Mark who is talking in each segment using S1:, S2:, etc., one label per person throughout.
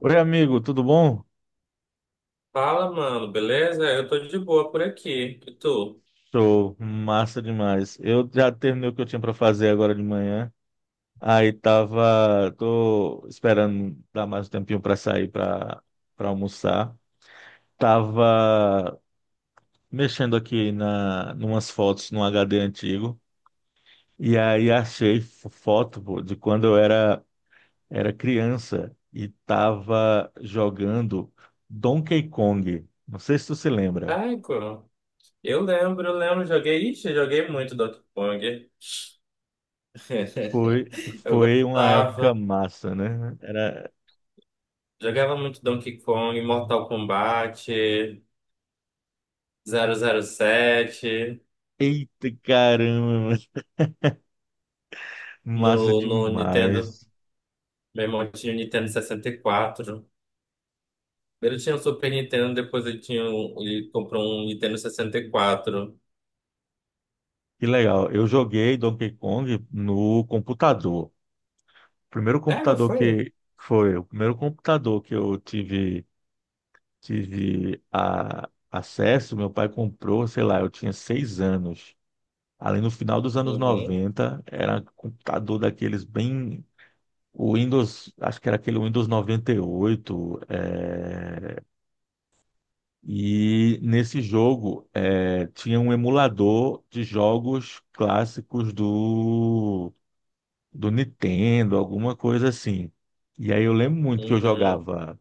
S1: Oi, amigo, tudo bom?
S2: Fala, mano, beleza? Eu tô de boa por aqui. E tu?
S1: Show, massa demais. Eu já terminei o que eu tinha para fazer agora de manhã. Tô esperando dar mais um tempinho para sair para almoçar. Tava mexendo aqui na numas fotos num HD antigo e aí achei foto, pô, de quando eu era criança e tava jogando Donkey Kong. Não sei se tu se lembra.
S2: Ai, co- eu lembro, eu lembro, joguei, ixi, eu joguei muito Donkey Kong.
S1: Foi,
S2: Eu
S1: foi uma época
S2: gostava,
S1: massa, né?
S2: jogava muito Donkey Kong, Mortal Kombat, 007
S1: Eita caramba, massa
S2: no Nintendo,
S1: demais.
S2: meu irmão tinha o Nintendo 64 tinha o Super Nintendo, depois ele comprou um Nintendo sessenta e quatro
S1: Que legal. Eu joguei Donkey Kong no computador. O primeiro
S2: É, não
S1: computador
S2: foi?
S1: que foi, o primeiro computador que eu tive acesso, meu pai comprou, sei lá, eu tinha 6 anos. Ali no final dos anos
S2: Uhum,
S1: 90 era um computador daqueles o Windows, acho que era aquele Windows noventa e oito. Nesse jogo, tinha um emulador de jogos clássicos do Nintendo, alguma coisa assim. E aí eu lembro muito que eu
S2: uhum.
S1: jogava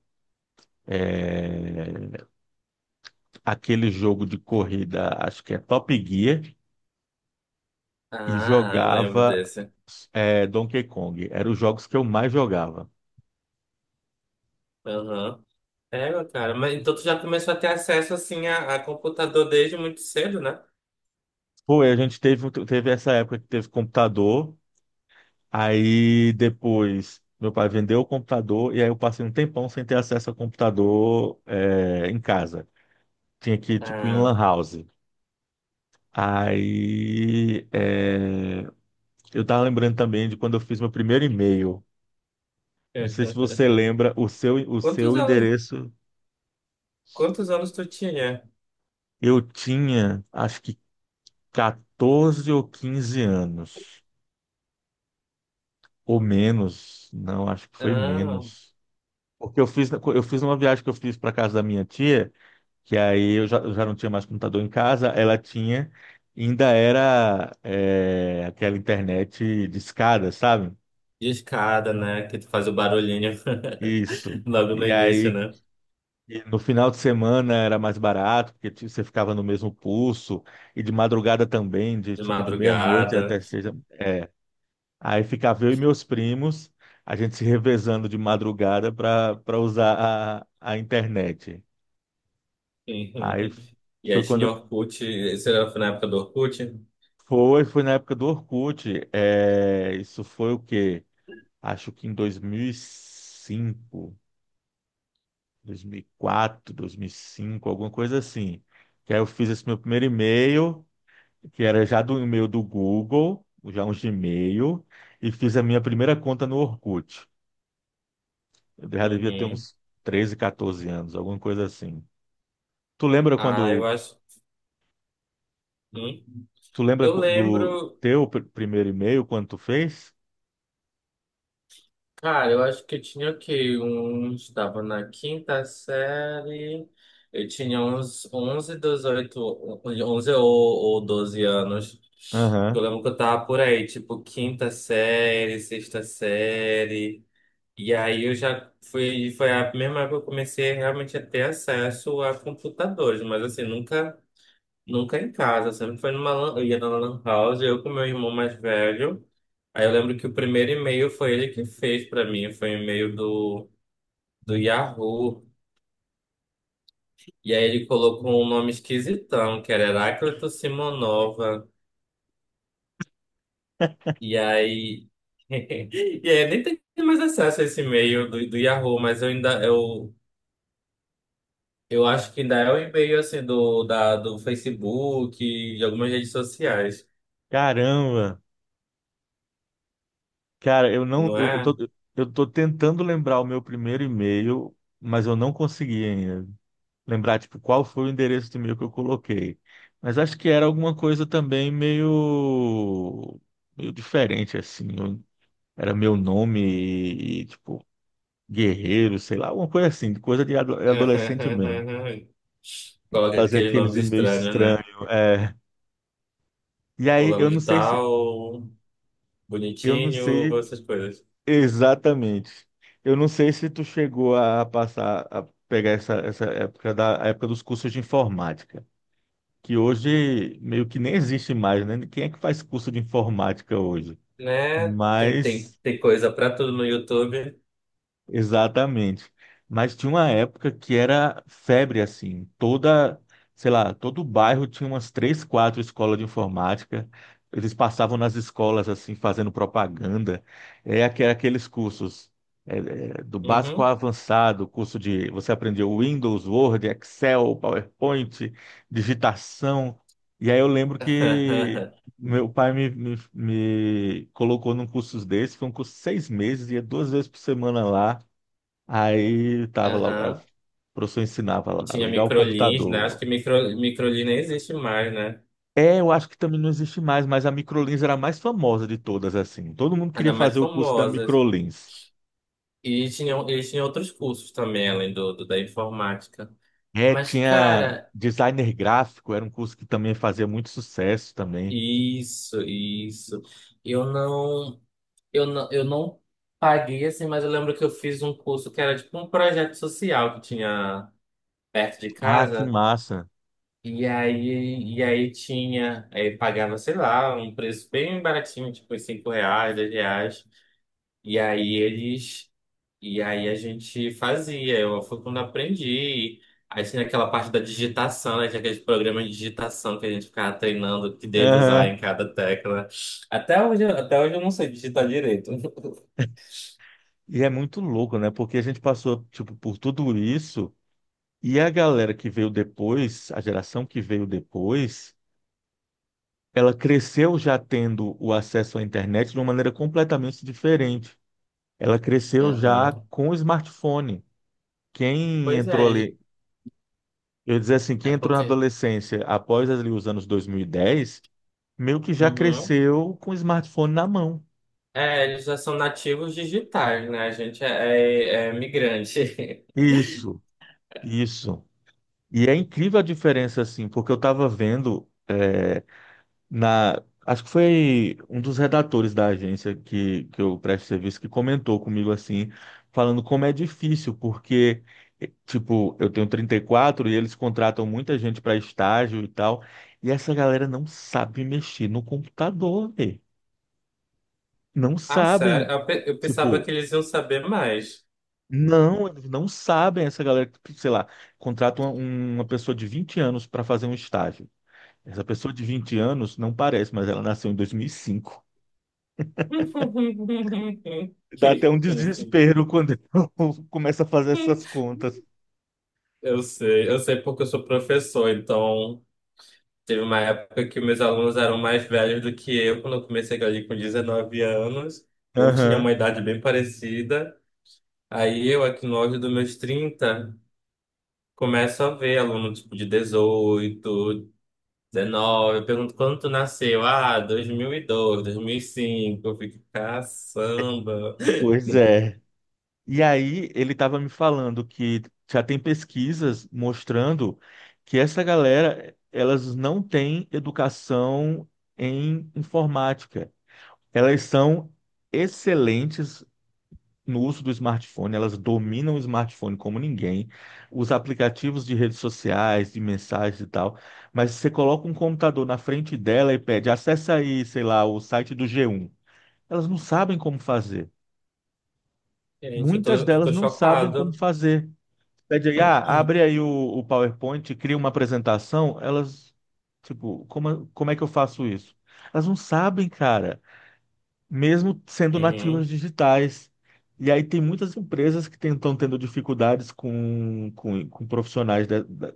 S1: é, aquele jogo de corrida, acho que é Top Gear, e
S2: Ah, eu lembro
S1: jogava
S2: desse.
S1: é, Donkey Kong. Eram os jogos que eu mais jogava.
S2: Aham. É, meu cara, mas então tu já começou a ter acesso assim a computador desde muito cedo, né?
S1: Pô, e a gente teve essa época que teve computador. Aí depois meu pai vendeu o computador e aí eu passei um tempão sem ter acesso ao computador em casa. Tinha que ir tipo em
S2: Ah.
S1: lan house. Aí é, eu tava lembrando também de quando eu fiz meu primeiro e-mail. Não sei se você lembra, o
S2: Quantos
S1: seu
S2: anos,
S1: endereço.
S2: quantos anos tu tinha?
S1: Eu tinha acho que 14 ou 15 anos. Ou menos. Não, acho que foi
S2: Ah,
S1: menos. Porque eu fiz uma viagem que eu fiz para casa da minha tia, que aí eu já não tinha mais computador em casa. Ela tinha, ainda era aquela internet discada, sabe?
S2: discada, né? Que tu faz o barulhinho
S1: Isso.
S2: logo no
S1: E
S2: início,
S1: aí
S2: né?
S1: e no final de semana era mais barato, porque você ficava no mesmo pulso, e de madrugada também, de
S2: De
S1: tipo de meia-noite
S2: madrugada.
S1: até seis. É. Aí ficava eu e meus primos, a gente se revezando de madrugada para usar a internet. Aí f-
S2: E aí
S1: foi
S2: tinha
S1: quando.
S2: Orkut, isso era na época do Orkut?
S1: Foi na época do Orkut. É, isso foi o quê? Acho que em 2005, 2004, 2005, alguma coisa assim. Que aí eu fiz esse meu primeiro e-mail, que era já do e-mail do Google, já um Gmail, e fiz a minha primeira conta no Orkut. Eu já devia ter
S2: Uhum.
S1: uns 13, 14 anos, alguma coisa assim. Tu lembra
S2: Ah, eu
S1: quando,
S2: acho. Hum.
S1: tu lembra
S2: Eu
S1: qu- do
S2: lembro.
S1: teu pr- primeiro e-mail, quando tu fez?
S2: Cara, eu acho que eu tinha o quê? Estava na quinta série, eu tinha uns 11 18, 11 ou 12 anos. Eu
S1: Aham.
S2: lembro que eu tava por aí, tipo, quinta série, sexta série. E aí eu já fui, foi a mesma época que eu comecei realmente a ter acesso a computadores, mas assim, nunca em casa, sempre foi eu ia na lan house, eu com meu irmão mais velho. Aí eu lembro que o primeiro e-mail foi ele que fez pra mim, foi um e-mail do Yahoo. E aí ele colocou um nome esquisitão, que era Heráclito Simonova. E aí. E aí eu nem tenho mais acesso a esse e-mail do Yahoo, mas eu ainda. Eu acho que ainda é o e-mail assim do Facebook, de algumas redes sociais,
S1: Caramba! Cara, eu não,
S2: não é?
S1: eu tô tentando lembrar o meu primeiro e-mail, mas eu não consegui ainda lembrar, tipo, qual foi o endereço de e-mail que eu coloquei. Mas acho que era alguma coisa também meio diferente, assim. Era meu nome e, tipo, Guerreiro, sei lá, alguma coisa assim, coisa de adolescente mesmo.
S2: Coloca
S1: Fazer
S2: aqueles
S1: aqueles
S2: nomes
S1: e-mails
S2: estranhos, né?
S1: estranhos. É. E aí, eu
S2: Fulano de
S1: não sei se,
S2: tal,
S1: eu não
S2: bonitinho,
S1: sei
S2: essas coisas.
S1: Exatamente. Eu não sei se tu chegou a pegar essa época da a época dos cursos de informática, que hoje meio que nem existe mais, né? Quem é que faz curso de informática hoje?
S2: Né? Tem, tem,
S1: Mas
S2: tem coisa pra tudo no YouTube.
S1: Exatamente. Mas tinha uma época que era febre, assim. Sei lá, todo bairro tinha umas três, quatro escolas de informática. Eles passavam nas escolas, assim, fazendo propaganda. É aqueles cursos, é, do básico ao
S2: Uhum.
S1: avançado, curso de... Você aprendeu Windows, Word, Excel, PowerPoint, digitação. E aí eu lembro que meu pai me colocou num curso desse. Foi um curso de 6 meses, ia 2 vezes por semana lá. Aí tava lá, o
S2: Aham.
S1: professor ensinava
S2: E
S1: lá,
S2: tinha
S1: ligar o
S2: microlins, né? Acho
S1: computador.
S2: que microlin nem existe mais, né?
S1: É, eu acho que também não existe mais, mas a Microlins era a mais famosa de todas, assim. Todo mundo queria
S2: Ainda mais
S1: fazer o curso da
S2: famosas.
S1: Microlins.
S2: Eles tinham outros cursos também, além do, do da informática.
S1: É,
S2: Mas,
S1: tinha
S2: cara,
S1: designer gráfico, era um curso que também fazia muito sucesso também.
S2: Isso, isso. Eu não, eu não paguei assim, mas eu lembro que eu fiz um curso que era tipo um projeto social que tinha perto de
S1: Ah, que
S2: casa.
S1: massa.
S2: E aí tinha, aí pagava, sei lá, um preço bem baratinho, tipo uns R$ 5, R$ 10. E aí eles e aí a gente fazia, eu fui quando aprendi. Aí tinha aquela parte da digitação, né? Tinha aqueles programas de digitação que a gente ficava treinando que dedo usar
S1: Aham.
S2: em cada tecla. Até hoje eu não sei digitar direito.
S1: E é muito louco, né? Porque a gente passou, tipo, por tudo isso e a galera que veio depois, a geração que veio depois, ela cresceu já tendo o acesso à internet de uma maneira completamente diferente. Ela cresceu já
S2: Aham.
S1: com o smartphone. Quem
S2: Pois
S1: entrou
S2: é,
S1: ali, eu ia dizer assim,
S2: é
S1: quem entrou na
S2: porque.
S1: adolescência após ali os anos 2010, meio que já
S2: Uhum.
S1: cresceu com o smartphone na mão.
S2: É, eles já são nativos digitais, né? A gente é migrante.
S1: Isso, isso. E é incrível a diferença, assim, porque eu estava vendo, na, acho que foi um dos redatores da agência que eu presto serviço, que comentou comigo assim, falando como é difícil, porque, tipo, eu tenho 34 e eles contratam muita gente para estágio e tal, e essa galera não sabe mexer no computador, velho. Não
S2: Ah, sério?
S1: sabem,
S2: Eu pensava que
S1: tipo,
S2: eles iam saber mais.
S1: não, eles não sabem. Essa galera que, sei lá, contrata uma pessoa de 20 anos para fazer um estágio. Essa pessoa de 20 anos não parece, mas ela nasceu em 2005. Dá até um desespero quando eu começo a fazer essas contas.
S2: Eu sei porque eu sou professor, então teve uma época que meus alunos eram mais velhos do que eu, quando eu comecei ali com 19 anos, ou tinha uma
S1: Aham.
S2: idade bem parecida. Aí eu, aqui no auge dos meus 30, começo a ver aluno tipo de 18, 19, eu pergunto quando tu nasceu? Ah, dois mil e cinco. Eu fico, caçamba.
S1: Pois é. E aí, ele estava me falando que já tem pesquisas mostrando que essa galera, elas não têm educação em informática. Elas são excelentes no uso do smartphone, elas dominam o smartphone como ninguém, os aplicativos de redes sociais, de mensagens e tal, mas você coloca um computador na frente dela e pede, acessa aí, sei lá, o site do G1. Elas não sabem como fazer.
S2: Gente, eu tô,
S1: Muitas
S2: eu
S1: delas
S2: tô
S1: não sabem como
S2: chocado.
S1: fazer. Pede aí, ah, abre aí o PowerPoint, cria uma apresentação, elas, tipo, como é que eu faço isso? Elas não sabem, cara, mesmo sendo
S2: Uhum,
S1: nativos digitais. E aí tem muitas empresas que estão tendo dificuldades com profissionais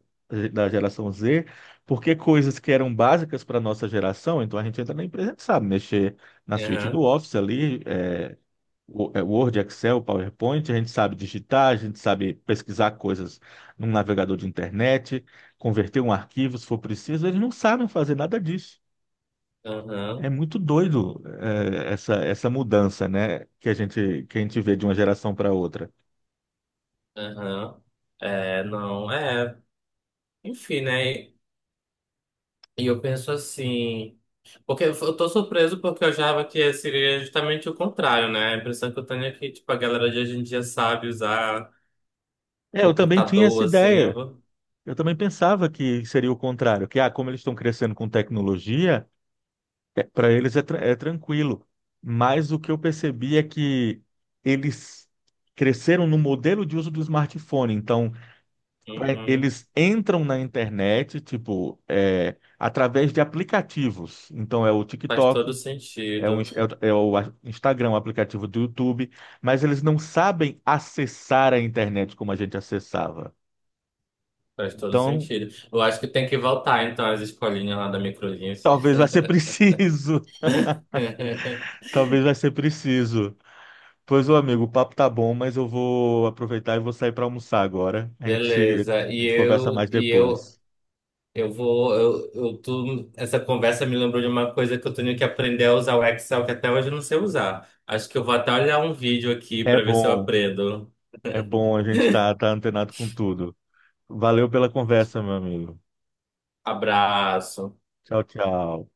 S1: da geração Z, porque coisas que eram básicas para a nossa geração, então a gente entra na empresa e sabe mexer na suíte do
S2: aham,
S1: Office, ali, Word, Excel, PowerPoint, a gente sabe digitar, a gente sabe pesquisar coisas num navegador de internet, converter um arquivo se for preciso, eles não sabem fazer nada disso. É
S2: aham.
S1: muito doido, essa mudança, né, que a gente vê de uma geração para outra.
S2: Aham. É, não, é. Enfim, né? E eu penso assim. Porque eu tô surpreso porque eu achava que seria justamente o contrário, né? A impressão que eu tenho é que, tipo, a galera de hoje em dia sabe usar
S1: É, eu também tinha essa
S2: computador, assim.
S1: ideia. Eu também pensava que seria o contrário, que ah, como eles estão crescendo com tecnologia, para eles é tranquilo. Mas o que eu percebi é que eles cresceram no modelo de uso do smartphone. Então,
S2: Uhum.
S1: eles entram na internet, tipo, através de aplicativos. Então, é o
S2: Faz todo
S1: TikTok, é, um, é,
S2: sentido.
S1: o é o a- Instagram, o aplicativo do YouTube, mas eles não sabem acessar a internet como a gente acessava.
S2: Faz todo
S1: Então,
S2: sentido. Eu acho que tem que voltar, então, às escolinhas lá da Microlinhas.
S1: talvez vai ser preciso, talvez vai ser preciso. Pois, ô amigo, o papo tá bom, mas eu vou aproveitar e vou sair para almoçar agora. A gente,
S2: Beleza.
S1: a
S2: E
S1: gente conversa mais
S2: eu, e eu
S1: depois.
S2: Eu vou, eu, eu tô. Essa conversa me lembrou de uma coisa que eu tenho que aprender a usar o Excel, que até hoje eu não sei usar. Acho que eu vou até olhar um vídeo aqui
S1: É
S2: para ver se eu
S1: bom,
S2: aprendo.
S1: é bom a gente tá antenado com tudo. Valeu pela conversa, meu amigo.
S2: Abraço.
S1: Tchau, tchau.